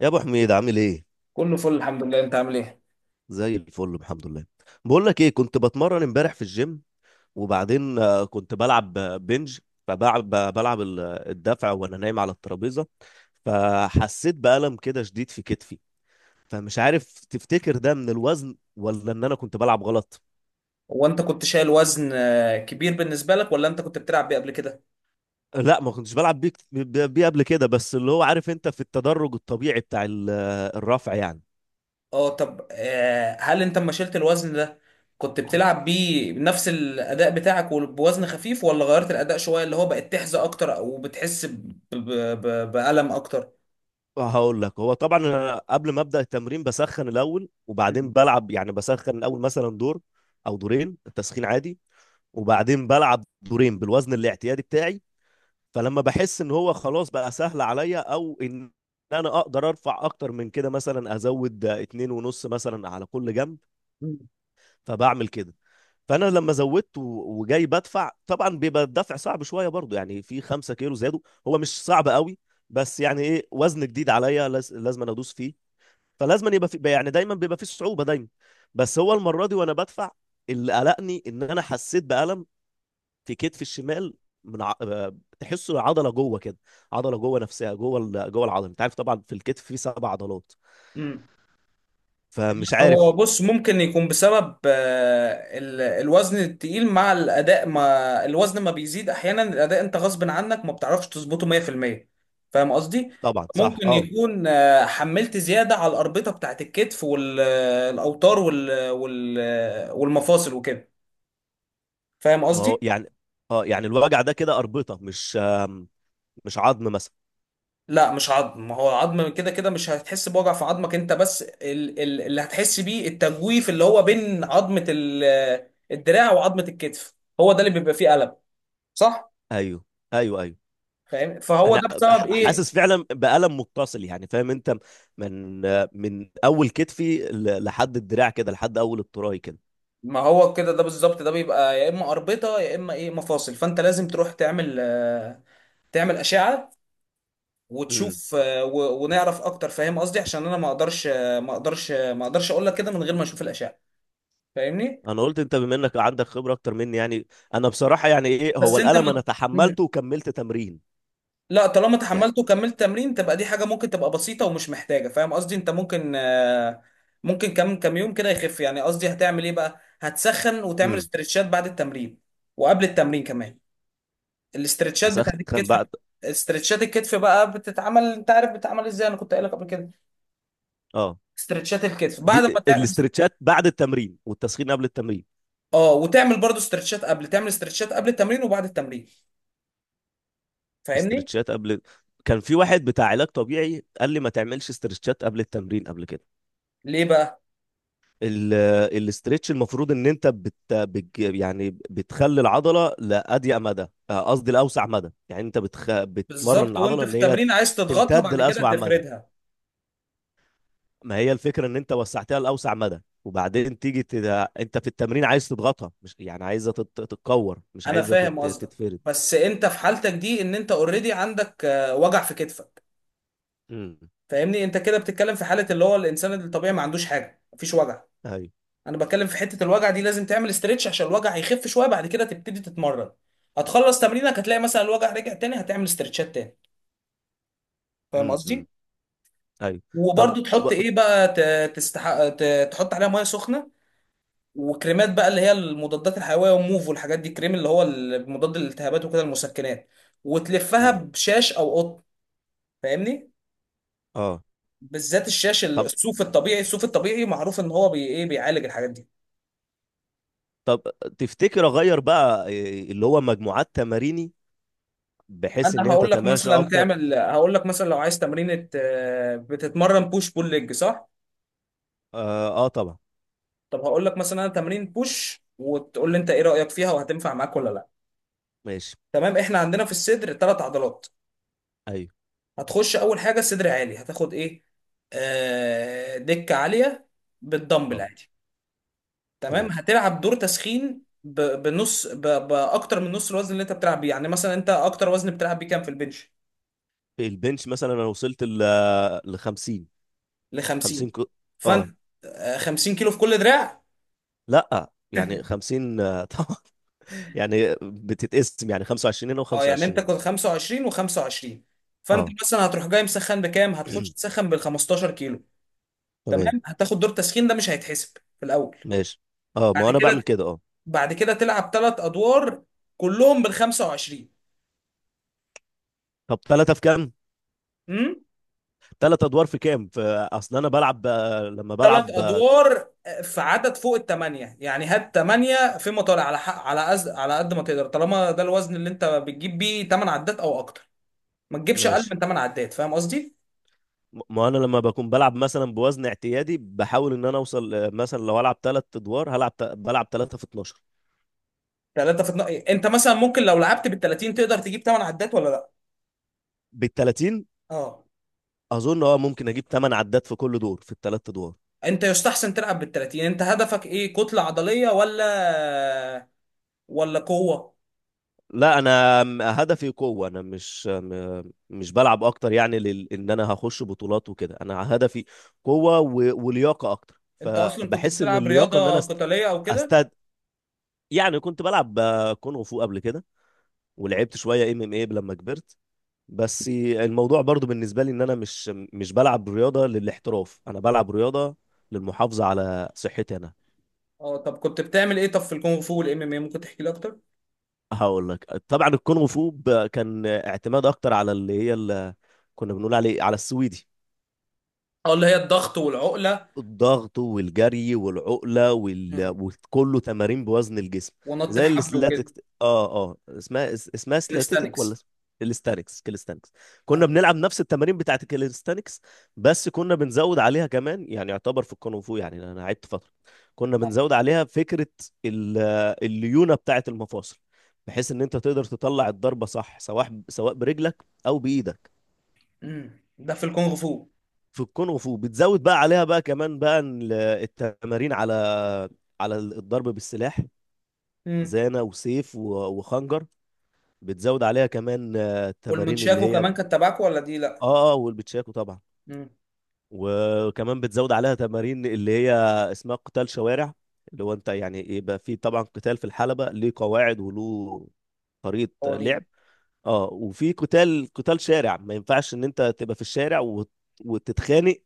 يا ابو حميد عامل ايه؟ كله فل الحمد لله، انت عامل ايه؟ زي الفل، الحمد لله. بقول لك ايه، كنت بتمرن امبارح في الجيم وبعدين كنت بلعب بنج. فبلعب الدفع وانا نايم على الترابيزه. فحسيت بألم كده شديد في كتفي. فمش عارف، تفتكر ده من الوزن ولا ان انا كنت بلعب غلط؟ هو انت كنت شايل وزن كبير بالنسبه لك، ولا انت كنت بتلعب بيه قبل كده؟ لا، ما كنتش بلعب بيه قبل كده، بس اللي هو عارف انت في التدرج الطبيعي بتاع الرفع يعني. اه طب هل انت لما شلت الوزن ده كنت بتلعب بيه بنفس الاداء بتاعك وبوزن خفيف، ولا غيرت الاداء شويه اللي هو بقت تحزق اكتر، او بتحس بألم اكتر؟ هقول لك، هو طبعا انا قبل ما ابدا التمرين بسخن الاول وبعدين بلعب. يعني بسخن الاول مثلا دور او دورين تسخين عادي، وبعدين بلعب دورين بالوزن الاعتيادي بتاعي. فلما بحس ان هو خلاص بقى سهل عليا، او ان انا اقدر ارفع اكتر من كده، مثلا ازود اتنين ونص مثلا على كل جنب، مم. فبعمل كده. فانا لما زودت و- وجاي بدفع، طبعا بيبقى الدفع صعب شويه برضو، يعني في 5 كيلو زادوا. هو مش صعب قوي، بس يعني ايه، وزن جديد عليا لازم أنا ادوس فيه. فلازم يبقى في، يعني دايما بيبقى في صعوبه دايما. بس هو المره دي وانا بدفع، اللي قلقني ان انا حسيت بألم في كتفي الشمال، من ع... آه، تحسه عضله جوه كده، عضله جوه نفسها، جوه العضله. انت عارف طبعا في الكتف في 7 عضلات. مم. فمش هو عارف. بص، ممكن يكون بسبب الوزن التقيل مع الأداء. ما الوزن ما بيزيد، أحيانا الأداء أنت غصب عنك ما بتعرفش تظبطه 100%. فاهم قصدي؟ طبعا، صح، ممكن اه. يكون حملت زيادة على الأربطة بتاعت الكتف والأوتار والمفاصل وكده. فاهم ما هو قصدي؟ يعني، اه يعني، الوجع ده كده اربطه، مش عظم مثلا. لا مش عظم، ما هو العظم كده كده مش هتحس بوجع في عظمك انت، بس اللي هتحس بيه التجويف اللي هو بين عظمة الدراع وعظمة الكتف. هو ده اللي بيبقى فيه ألم، صح؟ ايوه، ايوه، ايوه. فاهم، فهو انا ده بسبب ايه؟ حاسس فعلا بألم متصل، يعني فاهم انت، من من اول كتفي لحد الدراع كده، لحد اول التراي كده. ما هو كده ده بالظبط، ده بيبقى يا اما اربطه يا اما ايه مفاصل، فانت لازم تروح تعمل تعمل اشعه، امم. وتشوف ونعرف اكتر، فاهم قصدي، عشان انا ما اقدرش اقول لك كده من غير ما اشوف الاشعه. فاهمني؟ انا قلت انت بما انك عندك خبرة اكتر مني يعني، انا بصراحة يعني ايه، هو بس انت الألم انا ما مم. تحملته وكملت تمرين. لا طالما يعني. اتحملت وكملت تمرين تبقى دي حاجه ممكن تبقى بسيطه ومش محتاجه، فاهم قصدي؟ انت ممكن ممكن كم يوم كده يخف. يعني قصدي هتعمل ايه بقى؟ هتسخن وتعمل امم. استرتشات بعد التمرين وقبل التمرين كمان، الاسترتشات بتاعت اسخن الكتف. بعد. استرتشات الكتف بقى بتتعمل، انت عارف بتتعمل ازاي، انا كنت قايل لك قبل كده. اه. استرتشات الكتف بعد دي ما تعمل، الاسترتشات بعد التمرين، والتسخين قبل التمرين؟ اه، وتعمل برضو استرتشات قبل، تعمل استرتشات قبل التمرين وبعد التمرين. فاهمني؟ استرتشات قبل؟ كان في واحد بتاع علاج طبيعي قال لي ما تعملش استرتشات قبل التمرين، قبل كده. ليه بقى؟ ال- الاسترتش، المفروض ان انت يعني بتخلي العضله لاضيق مدى، قصدي لاوسع مدى، يعني انت بتمرن بالظبط، وانت العضله في ان هي التمرين عايز تضغطها تمتد بعد كده لاسوع مدى. تفردها. ما هي الفكره ان انت وسعتها لاوسع مدى، وبعدين تيجي انت في التمرين عايز تضغطها، مش يعني عايزه تتكور، مش انا عايزه فاهم قصدك، تتفرد. بس انت في حالتك دي ان انت اوريدي عندك وجع في كتفك. امم. فاهمني؟ انت كده بتتكلم في حالة اللي هو الانسان الطبيعي ما عندوش حاجة، مفيش وجع. ايوه. انا بتكلم في حته الوجع دي لازم تعمل استرتش، عشان الوجع هيخف شويه بعد كده تبتدي تتمرن. هتخلص تمرينك هتلاقي مثلا الوجع رجع تاني، هتعمل استرتشات تاني. فاهم امم، امم. قصدي؟ ايوه. طب. وبرده تحط ايه بقى؟ تستحق تحط عليها ميه سخنه، وكريمات بقى، اللي هي المضادات الحيويه وموف والحاجات دي، كريم اللي هو مضاد للالتهابات وكده، المسكنات، وتلفها امم. بشاش او قطن. فاهمني؟ اه، بالذات الشاش، طب الصوف الطبيعي، الصوف الطبيعي معروف ان هو بي ايه بيعالج الحاجات دي. طب تفتكر اغير بقى إيه، اللي هو مجموعات تماريني، بحيث ان انا هي هقول لك تتماشى مثلا اكتر؟ تعمل، هقول لك مثلا لو عايز تمرينة، بتتمرن بوش بول ليج صح؟ اه, طبعا. طب هقول لك مثلا انا تمرين بوش، وتقول لي انت ايه رأيك فيها وهتنفع معاك ولا لا. ماشي. تمام، احنا عندنا في الصدر ثلاث عضلات. ايوه. هتخش اول حاجة صدر عالي، هتاخد ايه؟ دكة عالية بالدمبل اه. عادي. تمام، تمام. هتلعب دور تسخين باكتر من نص الوزن اللي انت بتلعب بيه. يعني مثلا انت اكتر وزن بتلعب بيه كام في البنش؟ البنش مثلا، انا وصلت ل 50. ل 50 50. كو... اه فانت 50 كيلو في كل دراع؟ لا، يعني 50 طبعا. يعني بتتقسم، يعني 25 هنا اه يعني و25 انت هنا. كنت 25 و25. فانت اه. مثلا هتروح جاي مسخن بكام؟ هتخش تسخن بال 15 كيلو. تمام، تمام، هتاخد دور تسخين ده مش هيتحسب في الاول. ماشي، اه بعد ما انا بعمل كده، كده، اه. بعد كده تلعب ثلاث ادوار كلهم بال 25. طب، ثلاثة في كام؟ امم. ثلاث ادوار في كام؟ في... اصل انا بلعب لما ثلاث بلعب ادوار في عدد فوق الثمانيه، يعني هات ثمانيه فيما طالع على حق، على على قد ما تقدر، طالما ده الوزن اللي انت بتجيب بيه 8 عدات او اكتر. ما تجيبش اقل ماشي. من 8 عدات، فاهم قصدي؟ ما انا لما بكون بلعب مثلا بوزن اعتيادي، بحاول ان انا اوصل مثلا لو العب ثلاث ادوار بلعب ثلاثة في 12. انت مثلا ممكن لو لعبت بال 30 تقدر تجيب 8 عدات ولا لا؟ بال 30؟ اه. اظن اه، ممكن اجيب 8 عدات في كل دور في الثلاث ادوار. انت يستحسن تلعب بالتلاتين. انت هدفك ايه، كتلة عضلية ولا، ولا قوة؟ لا، انا هدفي قوه، انا مش بلعب اكتر، يعني ان انا هخش بطولات وكده. انا هدفي قوه و... ولياقه اكتر، انت اصلا كنت فبحس ان بتلعب اللياقه ان انا رياضة قتالية او كده؟ استد يعني كنت بلعب كونغ فو قبل كده، ولعبت شويه ام ام اي لما كبرت. بس الموضوع برضو بالنسبه لي، ان انا مش بلعب رياضه للاحتراف، انا بلعب رياضه للمحافظه على صحتي انا. اه، طب كنت بتعمل ايه طب في الكونغ فو والام ام اي، ممكن تحكي لي اكتر؟ هقول لك، طبعا الكونغ فو كان اعتماد اكتر على اللي كنا بنقول عليه، على السويدي. اه، اللي هي الضغط والعقلة. الضغط والجري والعقله وال... مم. وكله تمارين بوزن الجسم. ونط زي الحبل وكده. الاستاتيك. اه، اسمها سلاتيتك، ولا كاليستانكس. الاستانكس، كاليستانكس. كنا اه. بنلعب نفس التمارين بتاعت الكاليستانكس، بس كنا بنزود عليها كمان، يعني يعتبر في الكونغ فو، يعني انا لعبت فتره. كنا اه. بنزود عليها فكره ال- الليونه بتاعت المفاصل، بحيث ان انت تقدر تطلع الضربه صح، سواء برجلك او بايدك. مم. ده في الكونغ فو. في الكونغ فو بتزود بقى عليها بقى كمان بقى التمارين على الضرب بالسلاح، مم. زانة وسيف و- وخنجر. بتزود عليها كمان التمارين اللي والمنشاكو هي اه. كمان كان تبعكو ولا دي لا؟ اه، والبتشاكو طبعا. مم. وكمان بتزود عليها تمارين اللي هي اسمها قتال شوارع. اللي هو انت يعني، يبقى في طبعا قتال في الحلبة، ليه قواعد وله طريقة قوانين. لعب. اه، وفي قتال شارع ما ينفعش ان انت تبقى في الشارع وت- وتتخانق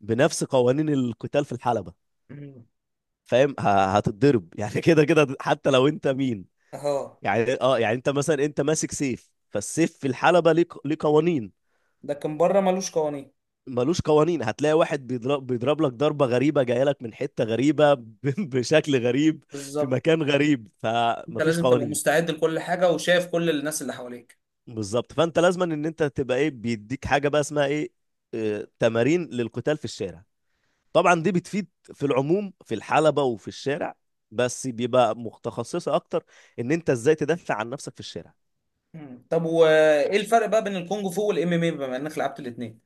بنفس قوانين القتال في الحلبة. مم. فاهم، هتتضرب يعني كده كده حتى لو انت مين. اهو. يعني انت مثلا، انت ماسك سيف، فالسيف في الحلبة ليه ليه قوانين. ده كان بره ملوش قوانين. ملوش قوانين، هتلاقي واحد بيضرب لك ضربة غريبة جاية لك من حتة غريبة، ب- بشكل غريب، في بالظبط، مكان غريب، انت فمفيش لازم تبقى قوانين. مستعد لكل حاجة وشايف كل الناس اللي حواليك. بالظبط، فانت لازما ان انت تبقى ايه، بيديك حاجة بقى اسمها ايه، تمارين للقتال في الشارع. طبعا دي بتفيد في العموم في الحلبة وفي الشارع، بس بيبقى متخصصة اكتر، ان انت ازاي تدافع عن نفسك في الشارع. مم. طب وايه الفرق بقى بين الكونج فو والام ام اي، بما انك لعبت الاثنين؟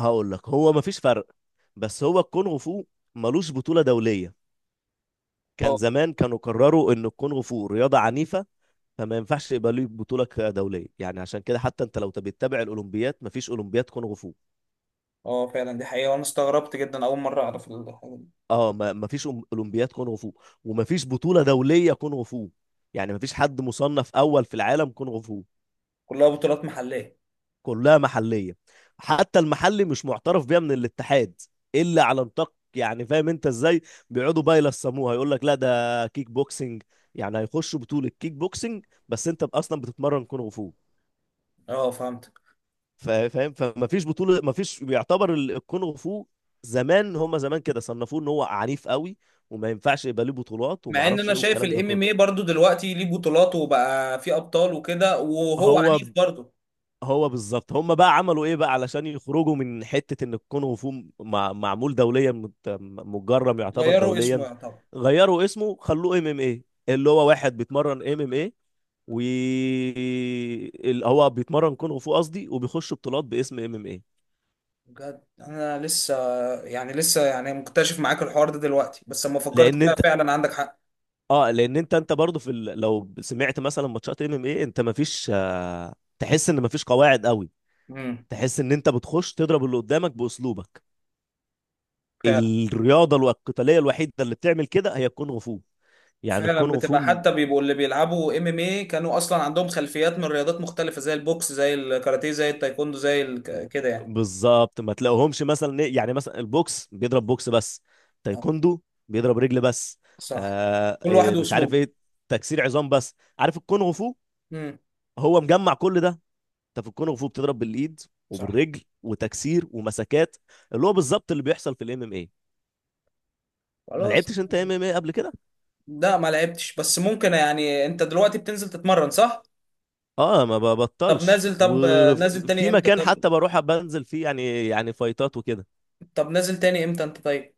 هقول لك، هو مفيش فرق، بس هو الكونغ فو ملوش بطولة دولية. كان اه. زمان، كانوا قرروا ان الكونغ فو رياضة عنيفة، فما ينفعش يبقى ليه بطولة دولية، يعني عشان كده حتى انت لو بتتابع الاولمبياد، مفيش اولمبياد كونغ فو. اه فعلا دي حقيقة، وانا استغربت جدا اول مرة اعرف الحاجة دي. اه، مفيش اولمبياد كونغ فو، ومفيش بطولة دولية كونغ فو، يعني مفيش حد مصنف اول في العالم كونغ فو. كلها بطولات محلية. كلها محلية. حتى المحلي مش معترف بيها من الاتحاد إلا على نطاق، يعني فاهم انت ازاي، بيقعدوا بقى يلصموها، يقول لك لا، ده كيك بوكسنج، يعني هيخشوا بطولة كيك بوكسنج بس انت اصلا بتتمرن كونغ فو. اه فهمتك. فاهم، فما فيش بطولة، ما فيش بيعتبر الكونغ فو. زمان، هما زمان كده صنفوه ان هو عنيف قوي، وما ينفعش يبقى ليه بطولات وما مع ان اعرفش انا ايه شايف والكلام ده الام كله. ام اي برضو دلوقتي ليه بطولات وبقى فيه ابطال وكده، وهو هو عنيف برضو. هو بالظبط، هم بقى عملوا ايه بقى علشان يخرجوا من حتة ان الكونغ فو معمول دوليا، متجرم يعتبر غيروا اسمه دوليا. يعتبر. غيروا اسمه، خلوه ام ام ايه، اللي هو واحد بيتمرن ام ام ايه، و اللي هو بيتمرن كونغ فو، قصدي، وبيخش بطولات باسم ام ام ايه. بجد انا لسه، يعني لسه يعني مكتشف معاك الحوار ده دلوقتي، بس لما فكرت لان فيها انت. فعلا عندك حق. اه، لان انت برضه لو سمعت مثلا ماتشات ام ام ايه، انت مفيش تحس ان مفيش قواعد قوي، امم. تحس ان انت بتخش تضرب اللي قدامك باسلوبك. الرياضه القتاليه الوحيده اللي بتعمل كده هي الكونغ فو. يعني فعلا الكونغ فو بتبقى، حتى بيبقوا اللي بيلعبوا ام ام اي كانوا اصلا عندهم خلفيات من رياضات مختلفه، زي البوكس زي الكاراتيه زي التايكوندو كده يعني. بالظبط، ما تلاقوهمش مثلا يعني مثلا البوكس بيضرب بوكس بس، آه، تايكوندو بيضرب رجل بس. صح. آه كل واحد إيه، مش عارف واسلوبه. ايه، تكسير عظام بس. عارف الكونغ فو، امم. هو مجمع كل ده. انت في الكونغ فو بتضرب بالايد صح. وبالرجل، وتكسير ومسكات، اللي هو بالظبط اللي بيحصل في الام ام اي. ما خلاص. لعبتش انت ام ام اي قبل كده؟ لا ما لعبتش، بس ممكن، يعني انت دلوقتي بتنزل تتمرن صح؟ اه، ما طب ببطلش، نازل طب نازل تاني وفي امتى مكان طب؟ حتى بروح بنزل فيه يعني فايتات وكده. طب نازل تاني امتى انت طيب؟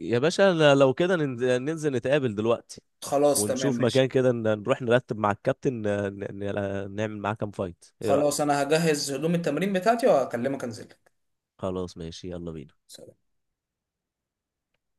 يا باشا، لو كده ننزل نتقابل دلوقتي، خلاص تمام ونشوف ماشي. مكان كده نروح نرتب مع الكابتن، نعمل معاه كام فايت، ايه خلاص رأيك؟ انا هجهز هدوم التمرين بتاعتي واكلمك انزل. خلاص، ماشي، يلا بينا.